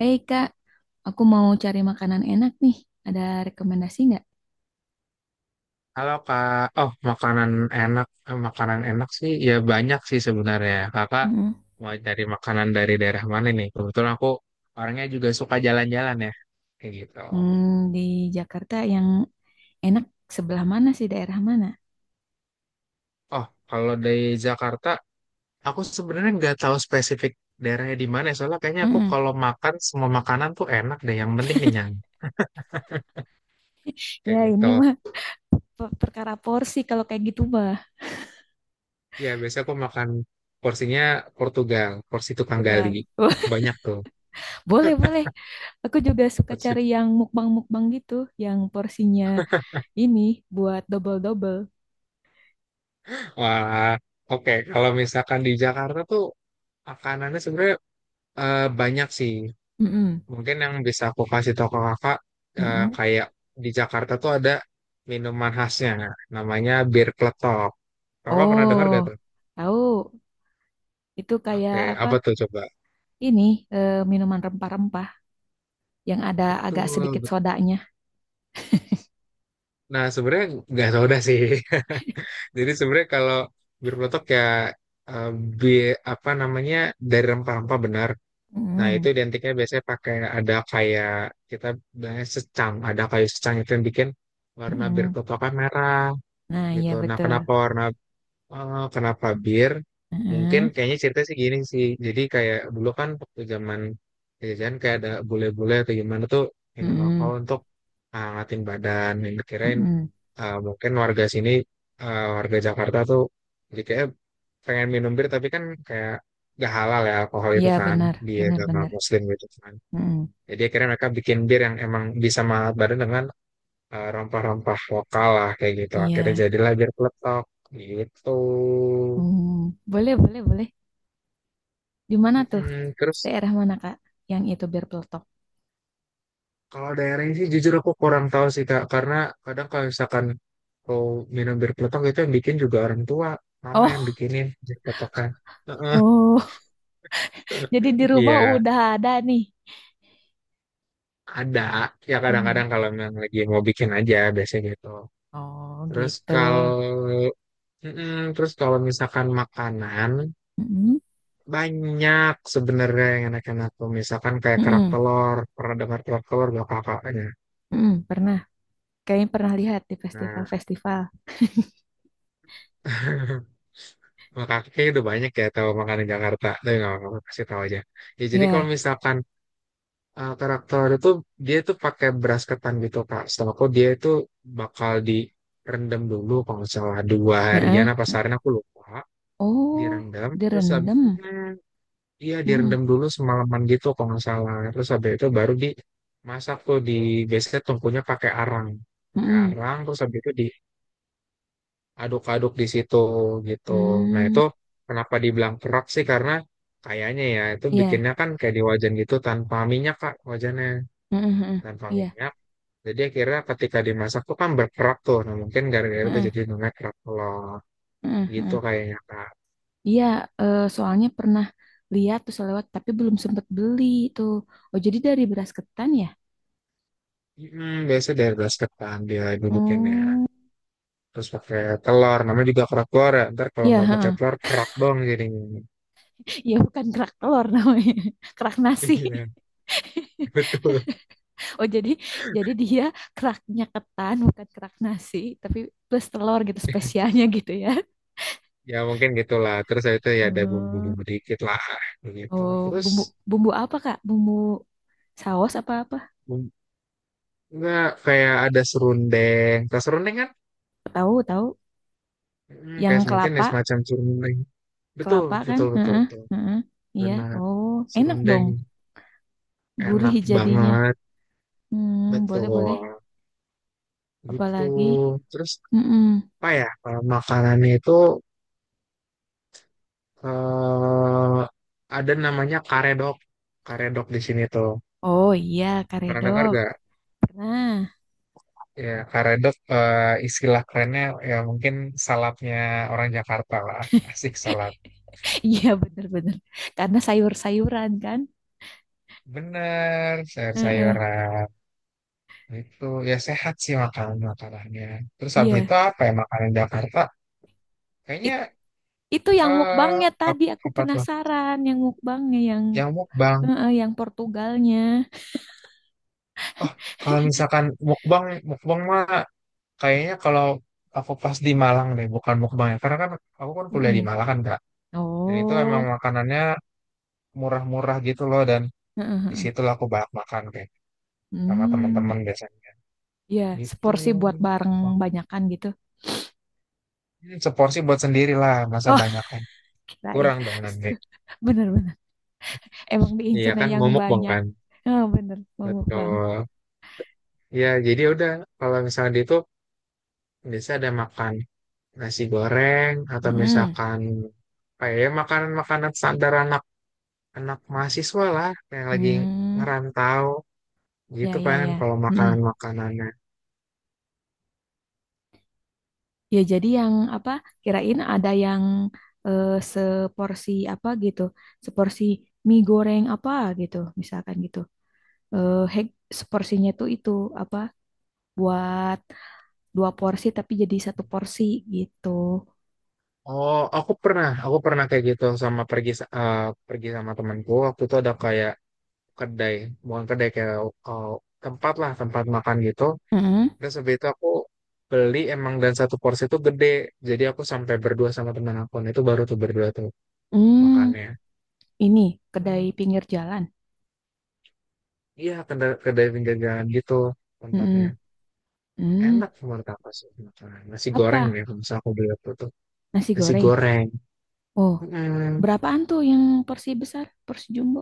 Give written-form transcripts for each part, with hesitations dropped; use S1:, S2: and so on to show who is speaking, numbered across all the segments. S1: Hei Kak, aku mau cari makanan enak nih. Ada rekomendasi nggak?
S2: Halo Kak. Oh, makanan enak sih ya banyak sih sebenarnya. Kakak
S1: Mm-mm.
S2: mau dari makanan dari daerah mana nih? Kebetulan aku orangnya juga suka jalan-jalan ya, kayak gitu.
S1: Hmm, di Jakarta yang enak sebelah mana sih, daerah mana?
S2: Oh, kalau dari Jakarta, aku sebenarnya nggak tahu spesifik daerahnya di mana. Soalnya kayaknya aku
S1: Mm-mm.
S2: kalau makan semua makanan tuh enak deh. Yang penting kenyang, kayak
S1: Ya
S2: gitu.
S1: ini mah perkara porsi kalau kayak gitu mah.
S2: Ya biasanya aku makan porsinya Portugal, porsi tukang gali,
S1: Enggak.
S2: banyak tuh.
S1: Boleh, boleh. Aku juga suka
S2: Porsi.
S1: cari yang mukbang-mukbang gitu, yang porsinya ini buat double-double.
S2: Wah, oke. Kalau misalkan di Jakarta tuh makanannya sebenarnya banyak sih.
S1: Mm-mm.
S2: Mungkin yang bisa aku kasih tau ke kakak
S1: Mm-mm.
S2: kayak di Jakarta tuh ada minuman khasnya, namanya bir kletok. Kakak pernah dengar gak
S1: Oh,
S2: tuh?
S1: tahu. Itu kayak
S2: Oke,
S1: apa?
S2: apa tuh coba?
S1: Ini minuman rempah-rempah yang ada agak
S2: Betul.
S1: sedikit sodanya.
S2: Nah, sebenarnya nggak soda sih. Jadi sebenarnya kalau bir peletok ya, eh, apa namanya, dari rempah-rempah benar. Nah, itu
S1: Mm-mm,
S2: identiknya biasanya pakai ada kayak kita biasanya secang, ada kayu secang itu yang bikin warna bir
S1: mm-mm.
S2: kelapa merah
S1: Nah, iya
S2: gitu.
S1: betul.
S2: Kenapa bir? Mungkin
S1: Heeh.
S2: kayaknya ceritanya sih gini sih. Jadi kayak dulu kan waktu zaman jajan kayak ada bule-bule atau gimana tuh minum alkohol
S1: Mm-mm,
S2: untuk ngatin badan. Yang dikirain
S1: mm-mm.
S2: mungkin warga Jakarta tuh jadi kayak pengen minum bir tapi kan kayak gak halal ya alkohol itu
S1: Iya
S2: kan
S1: benar,
S2: di
S1: benar
S2: agama
S1: benar.
S2: Muslim gitu kan.
S1: Mm-mm.
S2: Jadi akhirnya mereka bikin bir yang emang bisa menghangat badan dengan rompah-rompah lokal lah kayak gitu. Akhirnya
S1: Iya.
S2: jadilah bir peletok gitu.
S1: Hmm, boleh, boleh, boleh. Di mana tuh?
S2: Mm-mm. Terus
S1: Daerah mana, Kak? Yang itu bir peletok.
S2: kalau daerahnya sih jujur aku kurang tahu sih Kak, karena kadang kalau misalkan kau minum bir peletok itu yang bikin juga orang tua, mama yang
S1: Oh.
S2: bikinin bir peletok kan. Heeh.
S1: Oh, jadi di rumah
S2: Iya,
S1: udah ada nih.
S2: ada. Ya
S1: Hmm.
S2: kadang-kadang kalau memang lagi mau bikin aja biasanya gitu.
S1: Oh,
S2: Terus
S1: gitu.
S2: kalau mm-mm. terus kalau misalkan makanan,
S1: Mm-mm,
S2: banyak sebenarnya yang enak-enak tuh misalkan kayak kerak
S1: mm-mm,
S2: telur, pernah dengar kerak telur gak kakaknya?
S1: mm-mm. Pernah. Kayaknya pernah lihat di
S2: Nah,
S1: festival-festival.
S2: makanya kayaknya udah banyak ya tahu makanan Jakarta. Tapi nggak apa-apa, kasih tahu aja. Ya jadi kalau
S1: Ya.
S2: misalkan karakter itu, dia tuh pakai beras ketan gitu Kak. Setelah aku, dia itu bakal direndam dulu kalau nggak salah dua harian
S1: Heeh.
S2: apa seharian, aku lupa.
S1: Oh,
S2: Direndam terus habis itu
S1: direndam.
S2: iya
S1: Mm-mm.
S2: direndam dulu semalaman gitu kalau nggak salah. Terus habis itu baru dimasak tuh di, biasanya tungkunya pakai arang. Pakai
S1: Mm-mm.
S2: arang terus habis itu di aduk-aduk di situ gitu. Nah itu
S1: Mm.
S2: kenapa dibilang kerak sih karena kayaknya ya itu
S1: Iya.
S2: bikinnya kan kayak di wajan gitu tanpa minyak Kak, wajannya
S1: Mm-mm, mm-mm.
S2: tanpa
S1: Iya.
S2: minyak. Jadi akhirnya ketika dimasak tuh kan berkerak tuh. Nah mungkin gara-gara itu
S1: Mm-mm,
S2: jadi namanya kerak telur
S1: mm-mm,
S2: gitu
S1: mm-mm.
S2: kayaknya Kak.
S1: Iya, soalnya pernah lihat tuh selewat tapi belum sempat beli tuh. Oh, jadi dari beras ketan ya?
S2: Biasa dari basket kan dia dudukinnya.
S1: Hmm.
S2: Terus pakai telur, namanya juga kerak telur ya. Ntar kalau
S1: Iya,
S2: nggak pakai
S1: heeh.
S2: telur, kerak dong jadinya.
S1: Iya bukan kerak telur namanya. Kerak nasi.
S2: Iya.
S1: Oh, jadi dia keraknya ketan bukan kerak nasi, tapi plus telur gitu spesialnya gitu ya.
S2: Ya mungkin gitulah. Terus itu ya ada
S1: Hmm.
S2: bumbu-bumbu dikit lah begitu.
S1: Oh,
S2: Terus
S1: bumbu bumbu apa, Kak? Bumbu saus apa apa?
S2: bum- nggak, kayak ada serundeng tas serundeng kan,
S1: Tahu, tahu. Yang
S2: kayak mungkin ya
S1: kelapa.
S2: semacam serundeng. Betul
S1: Kelapa kan?
S2: betul betul
S1: Heeh,
S2: betul,
S1: heeh. Iya.
S2: benar
S1: Oh, enak
S2: serundeng.
S1: dong.
S2: Enak
S1: Gurih jadinya.
S2: banget,
S1: Hmm, boleh boleh.
S2: betul. Gitu.
S1: Apalagi?
S2: Terus
S1: Mm-mm.
S2: apa ya kalau makanannya itu, eh ada namanya karedok. Karedok di sini tuh,
S1: Oh iya,
S2: pernah dengar
S1: karedok.
S2: gak?
S1: Nah,
S2: Ya, karedok, istilah kerennya ya mungkin salapnya orang Jakarta lah. Asik salap.
S1: iya bener-bener. Karena sayur-sayuran kan?
S2: Bener,
S1: Heeh.
S2: sayur-sayuran. Itu ya sehat sih makanan-makanannya. Terus habis
S1: Iya.
S2: itu apa ya makanan Jakarta?
S1: It-
S2: Kayaknya,
S1: itu yang
S2: eh
S1: mukbangnya tadi aku
S2: apa tuh?
S1: penasaran yang mukbangnya yang
S2: Yang mukbang.
S1: heeh, yang Portugalnya.
S2: Oh, kalau misalkan mukbang, mukbang mah kayaknya kalau aku pas di Malang deh, bukan mukbang ya. Karena kan aku kan kuliah di
S1: Mm-mm.
S2: Malang kan, Kak. Dan itu emang
S1: Oh.
S2: makanannya murah-murah gitu loh, dan
S1: Heeh,
S2: di
S1: heeh.
S2: situ lah aku banyak makan kayak sama
S1: Hmm.
S2: teman-teman biasanya
S1: Iya,
S2: gitu.
S1: seporsi buat bareng banyakan gitu.
S2: Ini seporsi buat sendiri lah, masa banyakan,
S1: Kirain
S2: kurang dong nanti,
S1: bener-bener emang
S2: iya
S1: diincernya
S2: kan,
S1: yang
S2: momok bang
S1: banyak.
S2: kan,
S1: Oh, bener Mamuk bang.
S2: betul. Ya jadi udah, kalau misalnya di itu biasa ada makan nasi goreng atau
S1: Mm.
S2: misalkan kayak, ya ya, makanan-makanan standar anak anak mahasiswa lah yang lagi ngerantau
S1: Ya
S2: gitu
S1: ya
S2: kan,
S1: ya.
S2: kalau makanan
S1: Mm-mm.
S2: makanannya.
S1: Ya jadi yang apa, kirain ada yang seporsi apa gitu, seporsi mie goreng apa gitu misalkan gitu, eh hek seporsinya tuh itu apa buat dua porsi tapi jadi satu porsi gitu.
S2: Oh, aku pernah kayak gitu sama pergi sama temanku. Waktu itu ada kayak kedai, bukan kedai kayak eh, tempat lah, tempat makan gitu.
S1: Mm-mm.
S2: Terus habis itu aku beli emang dan satu porsi itu gede. Jadi aku sampai berdua sama teman aku. Nah, itu baru tuh berdua tuh
S1: Mm,
S2: makannya.
S1: ini
S2: Hmm,
S1: kedai pinggir jalan.
S2: iya, kedai pinggir jalan gitu tempatnya.
S1: Mm-mm. Mm,
S2: Enak menurut aku sih makanan. Nasi goreng
S1: apa,
S2: nih, kalau misalnya aku beli waktu itu.
S1: nasi
S2: Nasi
S1: goreng.
S2: goreng.
S1: Oh,
S2: Mm-mm.
S1: berapaan tuh yang porsi besar, porsi jumbo?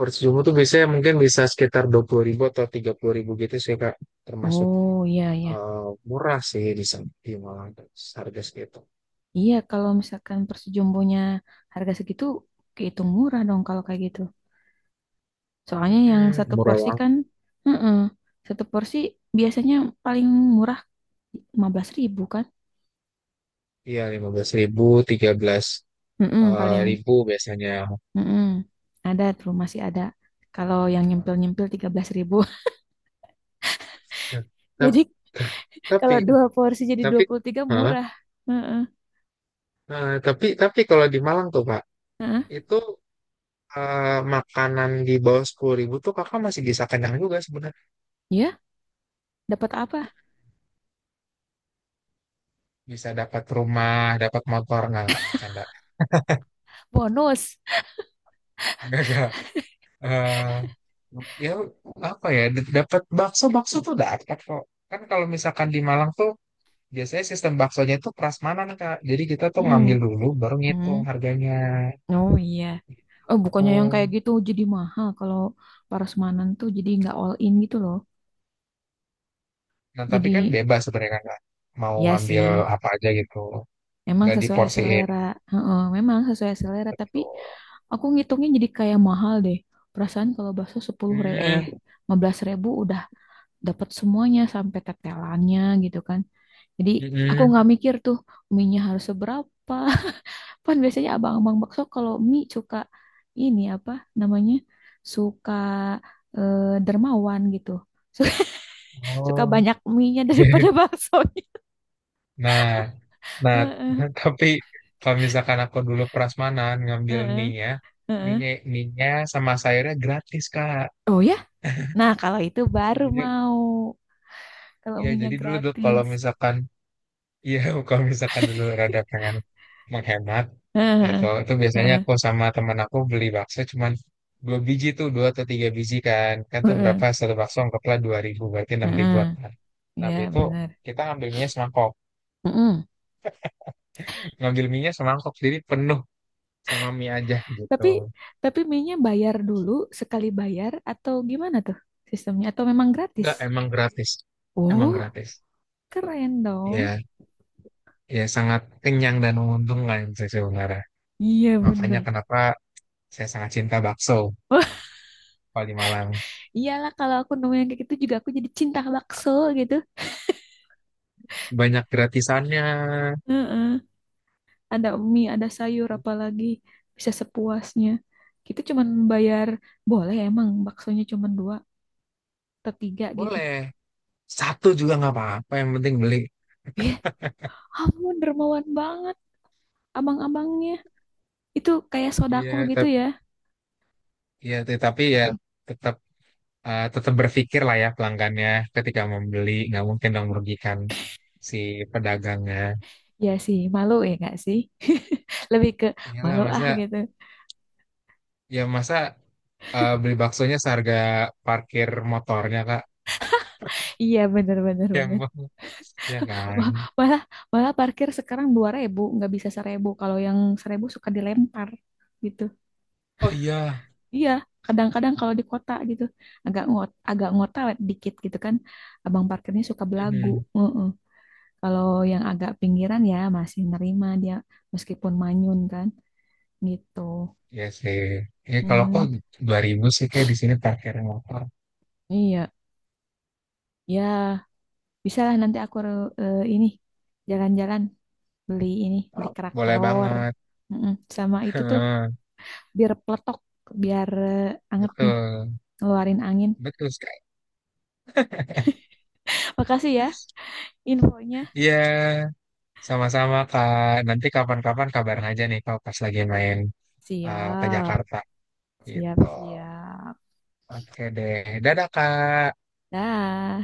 S2: Percuma tuh biasanya mungkin bisa sekitar 20.000 atau 30.000 gitu sih Kak. Termasuk
S1: Oh, iya, iya.
S2: eh, murah sih di sana, di Malang. Harga segitu.
S1: Iya, kalau misalkan porsi jumbonya harga segitu, kehitung murah dong kalau kayak gitu. Soalnya yang
S2: Mm-mm,
S1: satu
S2: murah
S1: porsi
S2: banget.
S1: kan, heeh, satu porsi biasanya paling murah 15.000 kan?
S2: Iya 15.000, 13
S1: Heeh, paling,
S2: ribu biasanya.
S1: heeh. Ada tuh, masih ada. Kalau yang nyempil-nyempil 13.000.
S2: Nah, tap-
S1: Jadi
S2: ta- tapi,
S1: kalau dua porsi jadi
S2: tapi,
S1: 23
S2: hah?
S1: murah. Heeh,
S2: Nah, tapi kalau di Malang tuh Pak,
S1: heeh.
S2: itu eh, makanan di bawah 10.000 tuh kakak masih bisa kenyang juga sebenarnya.
S1: Ya dapat apa?
S2: Bisa dapat rumah, dapat motor nggak? Nggak, canda.
S1: Bonus.
S2: Nggak, nggak. Eh, ya apa ya, dapat bakso, bakso tuh dapat kok. Kan kalau misalkan di Malang tuh biasanya sistem baksonya itu prasmanan Kak, jadi kita tuh
S1: Mm.
S2: ngambil dulu baru ngitung
S1: Hmm.
S2: harganya.
S1: Oh iya. Oh bukannya yang kayak
S2: Oh.
S1: gitu jadi mahal kalau parosmanan tuh jadi nggak all in gitu loh.
S2: Nah tapi
S1: Jadi
S2: kan bebas sebenarnya kan Kak, mau
S1: ya
S2: ngambil
S1: sih,
S2: apa aja gitu,
S1: emang
S2: nggak
S1: sesuai
S2: diporsiin,
S1: selera. Heeh, memang sesuai selera tapi
S2: betul.
S1: aku ngitungnya jadi kayak mahal deh. Perasaan kalau bakso 10.000 eh
S2: Hmm,
S1: 15.000 udah dapat semuanya sampai tetelannya gitu kan. Jadi aku
S2: mm-mm.
S1: nggak mikir tuh minyak harus seberapa. Kan biasanya abang-abang bakso kalau mie suka ini apa namanya? Suka dermawan gitu. Suka, suka
S2: Oh.
S1: banyak mie-nya daripada baksonya.
S2: Nah, nah.
S1: Heeh,
S2: Tapi kalau misalkan aku dulu prasmanan ngambil
S1: heeh,
S2: mie-nya,
S1: heeh.
S2: mie-nya, mie-nya sama sayurnya gratis, Kak.
S1: Oh ya? Nah, kalau itu baru
S2: Jadi,
S1: mau. Kalau
S2: ya
S1: mie
S2: jadi dulu tuh kalau
S1: gratis.
S2: misalkan, iya, kalau misalkan dulu rada pengen menghemat, ya itu
S1: Heeh,
S2: itu biasanya
S1: heeh,
S2: aku sama teman aku beli bakso cuman dua biji tuh, dua atau tiga biji kan kan tuh
S1: heeh,
S2: berapa satu bakso anggaplah 2.000 berarti 6.000-an
S1: heeh.
S2: kan. Nah habis
S1: Ya,
S2: itu
S1: benar.
S2: kita ngambil mie semangkok.
S1: Heeh.
S2: Ngambil mie semangkok, jadi penuh sama mie aja gitu.
S1: Tapi tapi mie-nya bayar dulu sekali bayar atau gimana tuh sistemnya? Atau memang gratis?
S2: Enggak, emang gratis. Emang
S1: Oh,
S2: gratis.
S1: keren dong.
S2: Ya, ya sangat kenyang dan menguntungkan sih sebenarnya.
S1: Iya bener.
S2: Makanya kenapa saya sangat cinta bakso
S1: Wah,
S2: paling Malang.
S1: iyalah kalau aku nemu yang kayak gitu juga aku jadi cinta bakso gitu.
S2: Banyak gratisannya.
S1: Heeh. Ada mie, ada sayur, apalagi bisa sepuasnya. Kita cuman bayar, boleh emang baksonya cuman dua atau tiga gitu.
S2: Boleh. Satu juga nggak apa-apa, yang penting beli.
S1: Eh, ampun dermawan banget abang-abangnya. Itu kayak sodakoh
S2: Iya,
S1: gitu ya.
S2: iya, tetapi ya tetap, tetap berpikir lah ya pelanggannya ketika membeli, nggak mungkin dong merugikan si pedagangnya.
S1: Ya sih, malu ya gak sih? Lebih ke
S2: Iyalah,
S1: malu ah
S2: masa
S1: gitu.
S2: ya masa beli baksonya seharga parkir motornya Kak.
S1: Iya bener bener
S2: Yang
S1: bener.
S2: bang, ya kan.
S1: Wah, malah, malah parkir sekarang 2.000, nggak bisa 1.000. Kalau yang 1.000 suka dilempar gitu.
S2: Oh iya,
S1: Iya, kadang-kadang kalau di kota gitu agak ngot, agak ngotawet dikit gitu kan. Abang parkirnya suka belagu.
S2: hmm.
S1: Heeh. Kalau yang agak pinggiran ya masih nerima dia meskipun manyun kan gitu.
S2: Ya sih, ya kalau kok
S1: Hmm,
S2: 2.000 sih kayak di sini parkir motor,
S1: iya, ya bisa lah nanti aku ini jalan-jalan beli ini beli kerak
S2: boleh
S1: telur.
S2: banget.
S1: Mm-mm. Sama itu tuh
S2: Heeh,
S1: biar peletok, biar anget nih,
S2: betul,
S1: ngeluarin angin.
S2: betul sekali.
S1: Makasih ya infonya.
S2: Iya, sama-sama Kak. Nanti kapan-kapan kabarin aja nih kalau pas lagi main ke
S1: Siap,
S2: Jakarta
S1: siap,
S2: gitu.
S1: siap.
S2: Oke deh, dadah Kak.
S1: Dah.